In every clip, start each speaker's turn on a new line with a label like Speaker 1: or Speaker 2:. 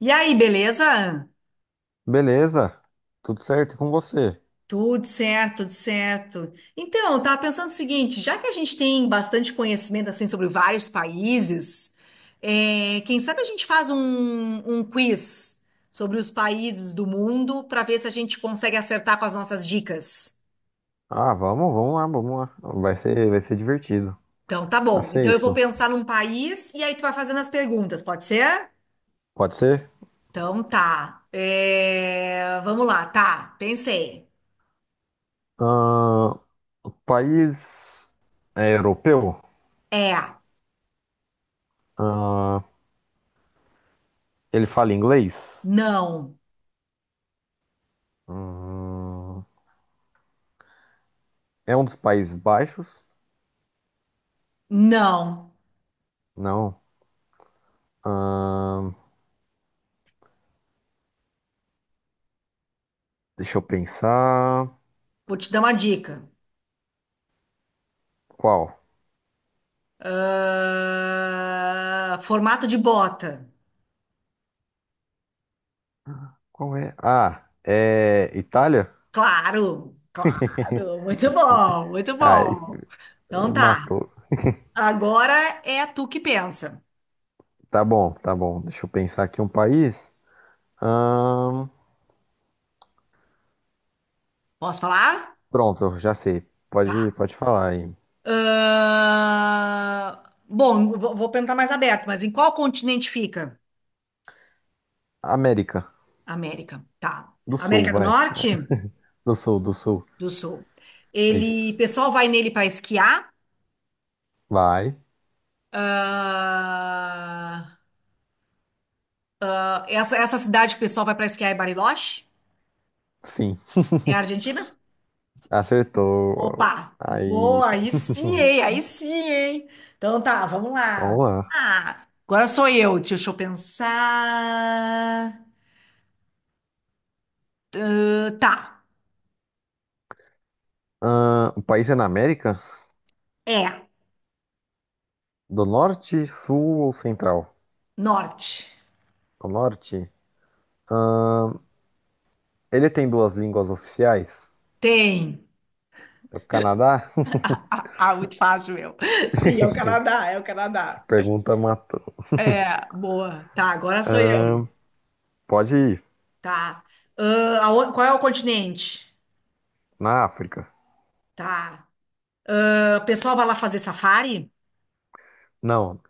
Speaker 1: E aí, beleza?
Speaker 2: Beleza, tudo certo e com você?
Speaker 1: Tudo certo, tudo certo. Então, eu tava pensando o seguinte, já que a gente tem bastante conhecimento assim sobre vários países, quem sabe a gente faz um quiz sobre os países do mundo para ver se a gente consegue acertar com as nossas dicas.
Speaker 2: Ah, vamos lá, vamos lá. Vai ser divertido.
Speaker 1: Então, tá bom. Então, eu vou
Speaker 2: Aceito.
Speaker 1: pensar num país e aí tu vai fazendo as perguntas, pode ser?
Speaker 2: Pode ser?
Speaker 1: Então, tá. É, vamos lá, tá. Pensei.
Speaker 2: Ah, o país é europeu?
Speaker 1: É,
Speaker 2: Ah, ele fala inglês?
Speaker 1: não,
Speaker 2: Hum, é um dos Países Baixos?
Speaker 1: não.
Speaker 2: Não. Ah, deixa eu pensar.
Speaker 1: Vou te dar uma dica.
Speaker 2: Qual?
Speaker 1: Ah, formato de bota.
Speaker 2: Qual é? Ah, é Itália?
Speaker 1: Claro, claro. Muito bom, muito
Speaker 2: Ah,
Speaker 1: bom.
Speaker 2: e
Speaker 1: Então tá.
Speaker 2: matou.
Speaker 1: Agora é tu que pensa.
Speaker 2: Tá bom, tá bom. Deixa eu pensar aqui um país.
Speaker 1: Posso falar?
Speaker 2: Pronto, já sei.
Speaker 1: Tá.
Speaker 2: Pode falar aí.
Speaker 1: Ah, bom, vou perguntar mais aberto, mas em qual continente fica?
Speaker 2: América
Speaker 1: América. Tá.
Speaker 2: do Sul,
Speaker 1: América do
Speaker 2: vai.
Speaker 1: Norte?
Speaker 2: Do Sul, do Sul.
Speaker 1: Do Sul.
Speaker 2: Isso.
Speaker 1: Pessoal vai nele para esquiar.
Speaker 2: Vai.
Speaker 1: Ah, essa cidade que o pessoal vai para esquiar é Bariloche?
Speaker 2: Sim.
Speaker 1: É a Argentina?
Speaker 2: Acertou.
Speaker 1: Opa,
Speaker 2: Aí.
Speaker 1: boa, aí sim, hein? Aí sim, hein? Então tá, vamos lá.
Speaker 2: Vamos lá.
Speaker 1: Ah, agora sou eu, deixa eu pensar. Ah, tá,
Speaker 2: O país é na América?
Speaker 1: é,
Speaker 2: Do Norte, Sul ou Central?
Speaker 1: norte.
Speaker 2: Do Norte. Ele tem duas línguas oficiais?
Speaker 1: Tem.
Speaker 2: É o Canadá?
Speaker 1: Ah, ah, ah, muito fácil, meu. Sim, é o Canadá, é o
Speaker 2: Essa
Speaker 1: Canadá.
Speaker 2: pergunta matou.
Speaker 1: É, boa. Tá, agora sou eu.
Speaker 2: Pode ir.
Speaker 1: Tá. Ah, qual é o continente?
Speaker 2: Na África?
Speaker 1: Tá. Ah, o pessoal vai lá fazer safari?
Speaker 2: Não.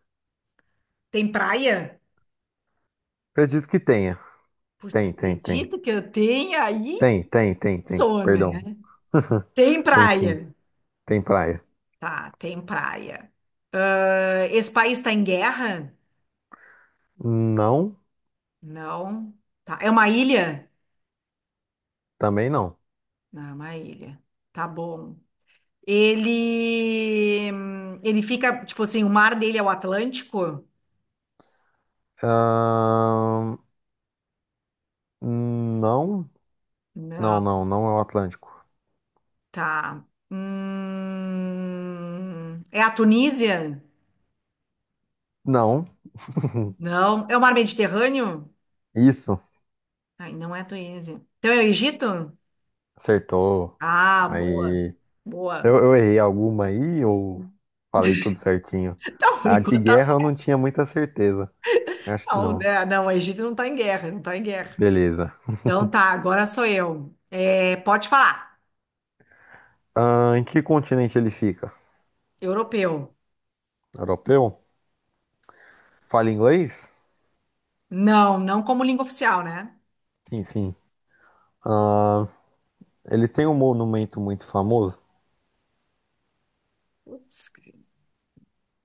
Speaker 1: Tem praia?
Speaker 2: Acredito que tenha.
Speaker 1: Puta,
Speaker 2: Tem, tem, tem.
Speaker 1: acredito que eu tenha aí.
Speaker 2: Tem, tem, tem, tem.
Speaker 1: Sou, né?
Speaker 2: Perdão.
Speaker 1: Tem
Speaker 2: Tem, sim.
Speaker 1: praia.
Speaker 2: Tem praia.
Speaker 1: Tá, tem praia. Ah, esse país está em guerra?
Speaker 2: Não,
Speaker 1: Não. Tá. É uma ilha?
Speaker 2: também não.
Speaker 1: Não, é uma ilha. Tá bom. Ele fica, tipo assim, o mar dele é o Atlântico?
Speaker 2: Ahn, não,
Speaker 1: Não.
Speaker 2: não, não, não é o Atlântico.
Speaker 1: Tá. É a Tunísia?
Speaker 2: Não,
Speaker 1: Não. É o mar Mediterrâneo?
Speaker 2: isso,
Speaker 1: Ai, não é a Tunísia. Então é o Egito?
Speaker 2: acertou.
Speaker 1: Ah, boa.
Speaker 2: Aí, eu,
Speaker 1: Boa.
Speaker 2: eu errei alguma aí ou falei tudo certinho?
Speaker 1: Então, por
Speaker 2: A de
Speaker 1: enquanto tá.
Speaker 2: guerra eu não tinha muita certeza. Acho que
Speaker 1: Não,
Speaker 2: não.
Speaker 1: né? Não, o Egito não tá em guerra, não tá em guerra.
Speaker 2: Beleza.
Speaker 1: Então tá, agora sou eu. É, pode falar.
Speaker 2: Em que continente ele fica?
Speaker 1: Europeu.
Speaker 2: Europeu? Fala inglês?
Speaker 1: Não, não como língua oficial, né?
Speaker 2: Sim, sim. Ahn, ele tem um monumento muito famoso?
Speaker 1: Putz, grilo.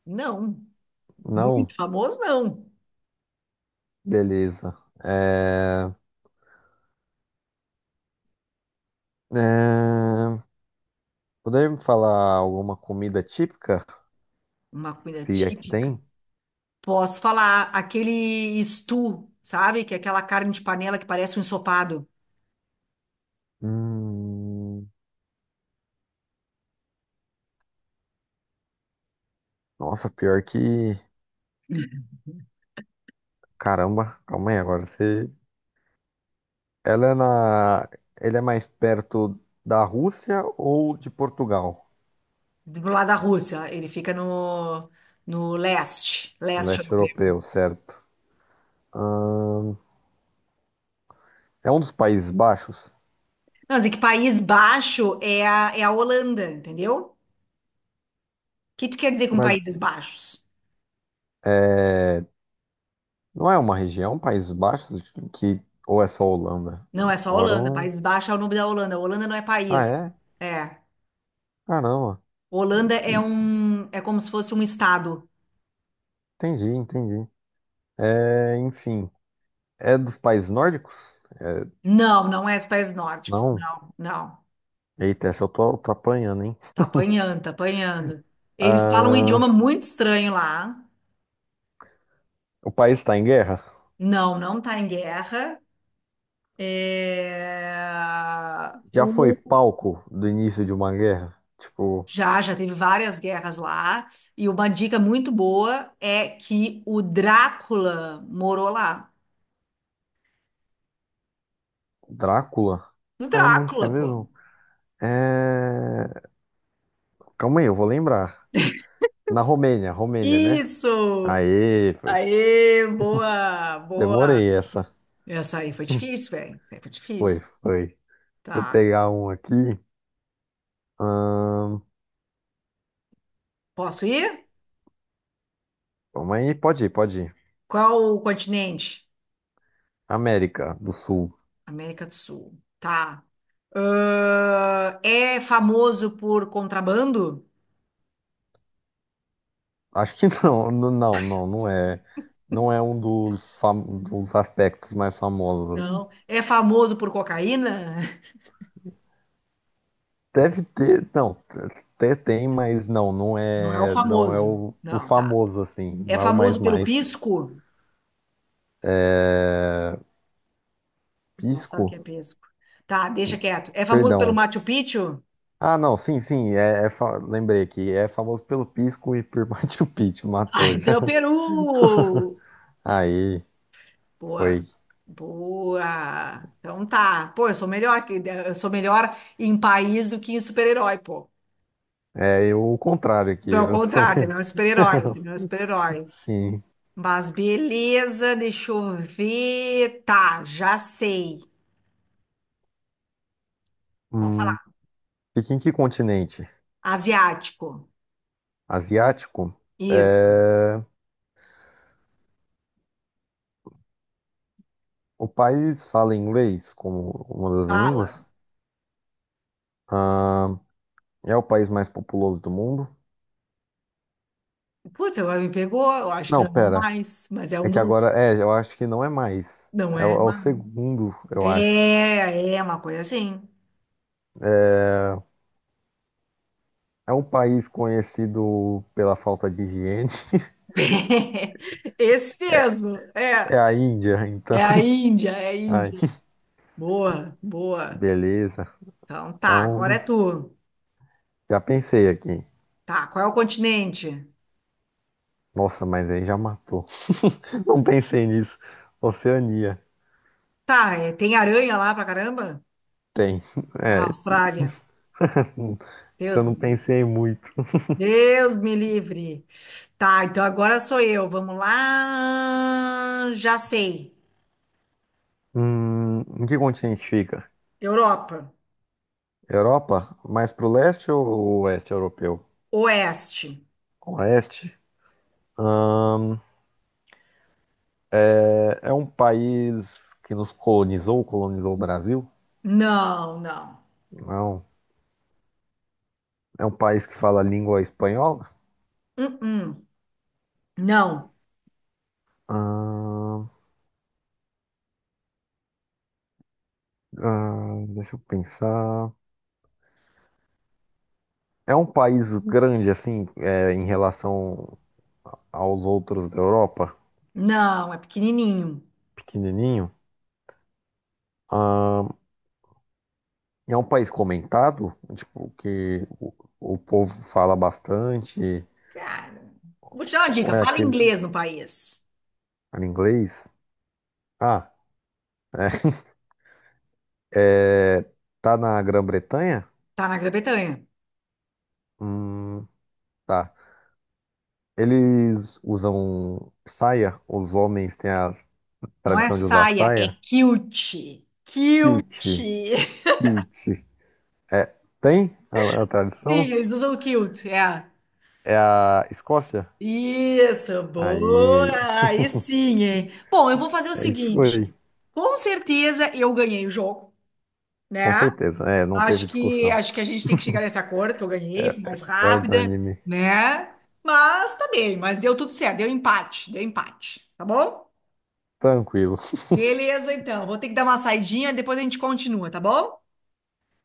Speaker 1: Não. Muito
Speaker 2: Não?
Speaker 1: famoso, não.
Speaker 2: Beleza. É... É, Poderia me falar alguma comida típica?
Speaker 1: Uma comida
Speaker 2: Se é que
Speaker 1: típica.
Speaker 2: tem?
Speaker 1: Posso falar aquele stew, sabe? Que é aquela carne de panela que parece um ensopado
Speaker 2: Hum, nossa, pior que. Caramba, calma aí agora. Você... Ela é na. Ele é mais perto da Rússia ou de Portugal?
Speaker 1: do lado da Rússia. Ele fica no leste, leste
Speaker 2: Leste
Speaker 1: europeu.
Speaker 2: europeu, certo? Hum, é um dos Países Baixos,
Speaker 1: Não, mas é que País Baixo é a Holanda, entendeu? O que tu quer dizer com
Speaker 2: mas
Speaker 1: Países Baixos?
Speaker 2: é... não é uma região, Países Baixos, que. Ou é só Holanda?
Speaker 1: Não, é só
Speaker 2: Agora
Speaker 1: Holanda.
Speaker 2: eu.
Speaker 1: Países Baixos é o nome da Holanda. Holanda não é
Speaker 2: Ah,
Speaker 1: país.
Speaker 2: é?
Speaker 1: É.
Speaker 2: Caramba.
Speaker 1: Holanda é é como se fosse um estado.
Speaker 2: Entendi, entendi. É, enfim. É dos países nórdicos? É,
Speaker 1: Não, não é os países nórdicos.
Speaker 2: não.
Speaker 1: Não, não.
Speaker 2: Eita, essa eu tô apanhando, hein?
Speaker 1: Tá apanhando, tá apanhando. Eles falam um
Speaker 2: Ah,
Speaker 1: idioma muito estranho lá.
Speaker 2: o país está em guerra?
Speaker 1: Não, não tá em guerra. É,
Speaker 2: Já foi
Speaker 1: O...
Speaker 2: palco do início de uma guerra? Tipo,
Speaker 1: já teve várias guerras lá. E uma dica muito boa é que o Drácula morou lá.
Speaker 2: Drácula?
Speaker 1: O
Speaker 2: Caramba, onde que é
Speaker 1: Drácula, pô.
Speaker 2: mesmo? É... Calma aí, eu vou lembrar. Na Romênia, Romênia, né?
Speaker 1: Isso!
Speaker 2: Aê, foi.
Speaker 1: Aê, boa, boa.
Speaker 2: Demorei essa.
Speaker 1: Essa aí foi difícil, velho. Essa aí foi
Speaker 2: Foi,
Speaker 1: difícil.
Speaker 2: foi. Deixa eu
Speaker 1: Tá.
Speaker 2: pegar um aqui. Ahn,
Speaker 1: Posso ir?
Speaker 2: Calma aí, pode ir, pode ir.
Speaker 1: Qual o continente?
Speaker 2: América do Sul.
Speaker 1: América do Sul. Tá. É famoso por contrabando?
Speaker 2: Acho que não, não, não, não é. Não é um dos, dos aspectos mais famosos, assim.
Speaker 1: Não. É famoso por cocaína?
Speaker 2: Deve ter, não, até tem, mas não, não
Speaker 1: Não é o
Speaker 2: é, não é
Speaker 1: famoso.
Speaker 2: o
Speaker 1: Não, tá.
Speaker 2: famoso assim,
Speaker 1: É
Speaker 2: não é o mais
Speaker 1: famoso pelo
Speaker 2: mais.
Speaker 1: pisco? Não sabe o que é
Speaker 2: Pisco?
Speaker 1: pisco. Tá, deixa quieto. É famoso pelo
Speaker 2: Perdão.
Speaker 1: Machu Picchu?
Speaker 2: Ah, não, sim, sim, lembrei aqui, é famoso pelo Pisco e por Machu Picchu,
Speaker 1: Ah,
Speaker 2: matou
Speaker 1: então é
Speaker 2: já.
Speaker 1: o Peru!
Speaker 2: Aí,
Speaker 1: Boa,
Speaker 2: foi.
Speaker 1: boa. Então tá. Pô, eu sou melhor em país do que em super-herói, pô.
Speaker 2: É eu, o contrário aqui,
Speaker 1: Pelo
Speaker 2: eu sou.
Speaker 1: contrário, tem melhor super-herói, tem melhor super-herói.
Speaker 2: Sim.
Speaker 1: Mas beleza, deixa eu ver. Tá, já sei. Pode
Speaker 2: Hum,
Speaker 1: falar.
Speaker 2: fica em que continente?
Speaker 1: Asiático.
Speaker 2: Asiático,
Speaker 1: Isso,
Speaker 2: é, o país fala inglês como uma das
Speaker 1: fala.
Speaker 2: línguas. Ah, é o país mais populoso do mundo.
Speaker 1: Putz, agora me pegou. Eu acho que
Speaker 2: Não,
Speaker 1: não é o
Speaker 2: pera.
Speaker 1: mais, mas é um
Speaker 2: É que agora,
Speaker 1: dos.
Speaker 2: é, eu acho que não é mais.
Speaker 1: Não
Speaker 2: É, o
Speaker 1: é?
Speaker 2: é o
Speaker 1: Mais.
Speaker 2: segundo, eu acho.
Speaker 1: É uma coisa assim.
Speaker 2: É um país conhecido pela falta de higiene.
Speaker 1: Esse mesmo.
Speaker 2: É
Speaker 1: É,
Speaker 2: a Índia, então.
Speaker 1: é a Índia, é a
Speaker 2: Ai,
Speaker 1: Índia. Boa, boa.
Speaker 2: beleza.
Speaker 1: Então tá, agora
Speaker 2: Então,
Speaker 1: é tu.
Speaker 2: já pensei aqui.
Speaker 1: Tá, qual é o continente?
Speaker 2: Nossa, mas aí já matou. Não pensei nisso. Oceania.
Speaker 1: Tá, tem aranha lá pra caramba?
Speaker 2: Tem. É,
Speaker 1: Ah, Austrália.
Speaker 2: isso
Speaker 1: Deus
Speaker 2: eu
Speaker 1: me
Speaker 2: não
Speaker 1: livre.
Speaker 2: pensei muito.
Speaker 1: Deus me livre. Tá, então agora sou eu. Vamos lá. Já sei.
Speaker 2: Em que continente fica?
Speaker 1: Europa.
Speaker 2: Europa? Mais pro leste ou oeste europeu?
Speaker 1: Oeste.
Speaker 2: Oeste? Hum, é um país que nos colonizou o Brasil?
Speaker 1: Não, não.
Speaker 2: Não. É um país que fala a língua espanhola?
Speaker 1: Uh-uh. Não,
Speaker 2: Hum, deixa eu pensar. É um país grande, assim, é, em relação aos outros da Europa?
Speaker 1: não. É pequenininho.
Speaker 2: Pequenininho? Hum, é um país comentado? Tipo, que o povo fala bastante?
Speaker 1: Cara, vou te dar uma
Speaker 2: Ou
Speaker 1: dica.
Speaker 2: é
Speaker 1: Fala
Speaker 2: aqueles
Speaker 1: inglês no país.
Speaker 2: em inglês? Ah, é. É, tá na Grã-Bretanha?
Speaker 1: Tá na Grã-Bretanha.
Speaker 2: Hum, tá. Eles usam saia? Os homens têm a
Speaker 1: Não é
Speaker 2: tradição de usar
Speaker 1: saia, é
Speaker 2: saia?
Speaker 1: kilt. Kilt.
Speaker 2: Kilt.
Speaker 1: Sim,
Speaker 2: Kilt. É, tem a tradição?
Speaker 1: eles usam kilt, é.
Speaker 2: É a Escócia?
Speaker 1: Isso, boa!
Speaker 2: Aí,
Speaker 1: Aí sim, hein? Bom, eu vou fazer o
Speaker 2: aí foi.
Speaker 1: seguinte. Com certeza eu ganhei o jogo,
Speaker 2: Com
Speaker 1: né?
Speaker 2: certeza. É, não teve
Speaker 1: Acho que
Speaker 2: discussão.
Speaker 1: acho que a gente tem que chegar nesse acordo que eu ganhei, fui mais
Speaker 2: É
Speaker 1: rápida,
Speaker 2: unânime.
Speaker 1: né? Mas tá bem, mas deu tudo certo, deu empate, tá bom?
Speaker 2: Tranquilo,
Speaker 1: Beleza, então. Vou ter que dar uma saidinha, depois a gente continua, tá bom?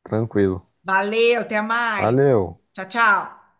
Speaker 2: tranquilo.
Speaker 1: Valeu, até mais.
Speaker 2: Valeu.
Speaker 1: Tchau, tchau.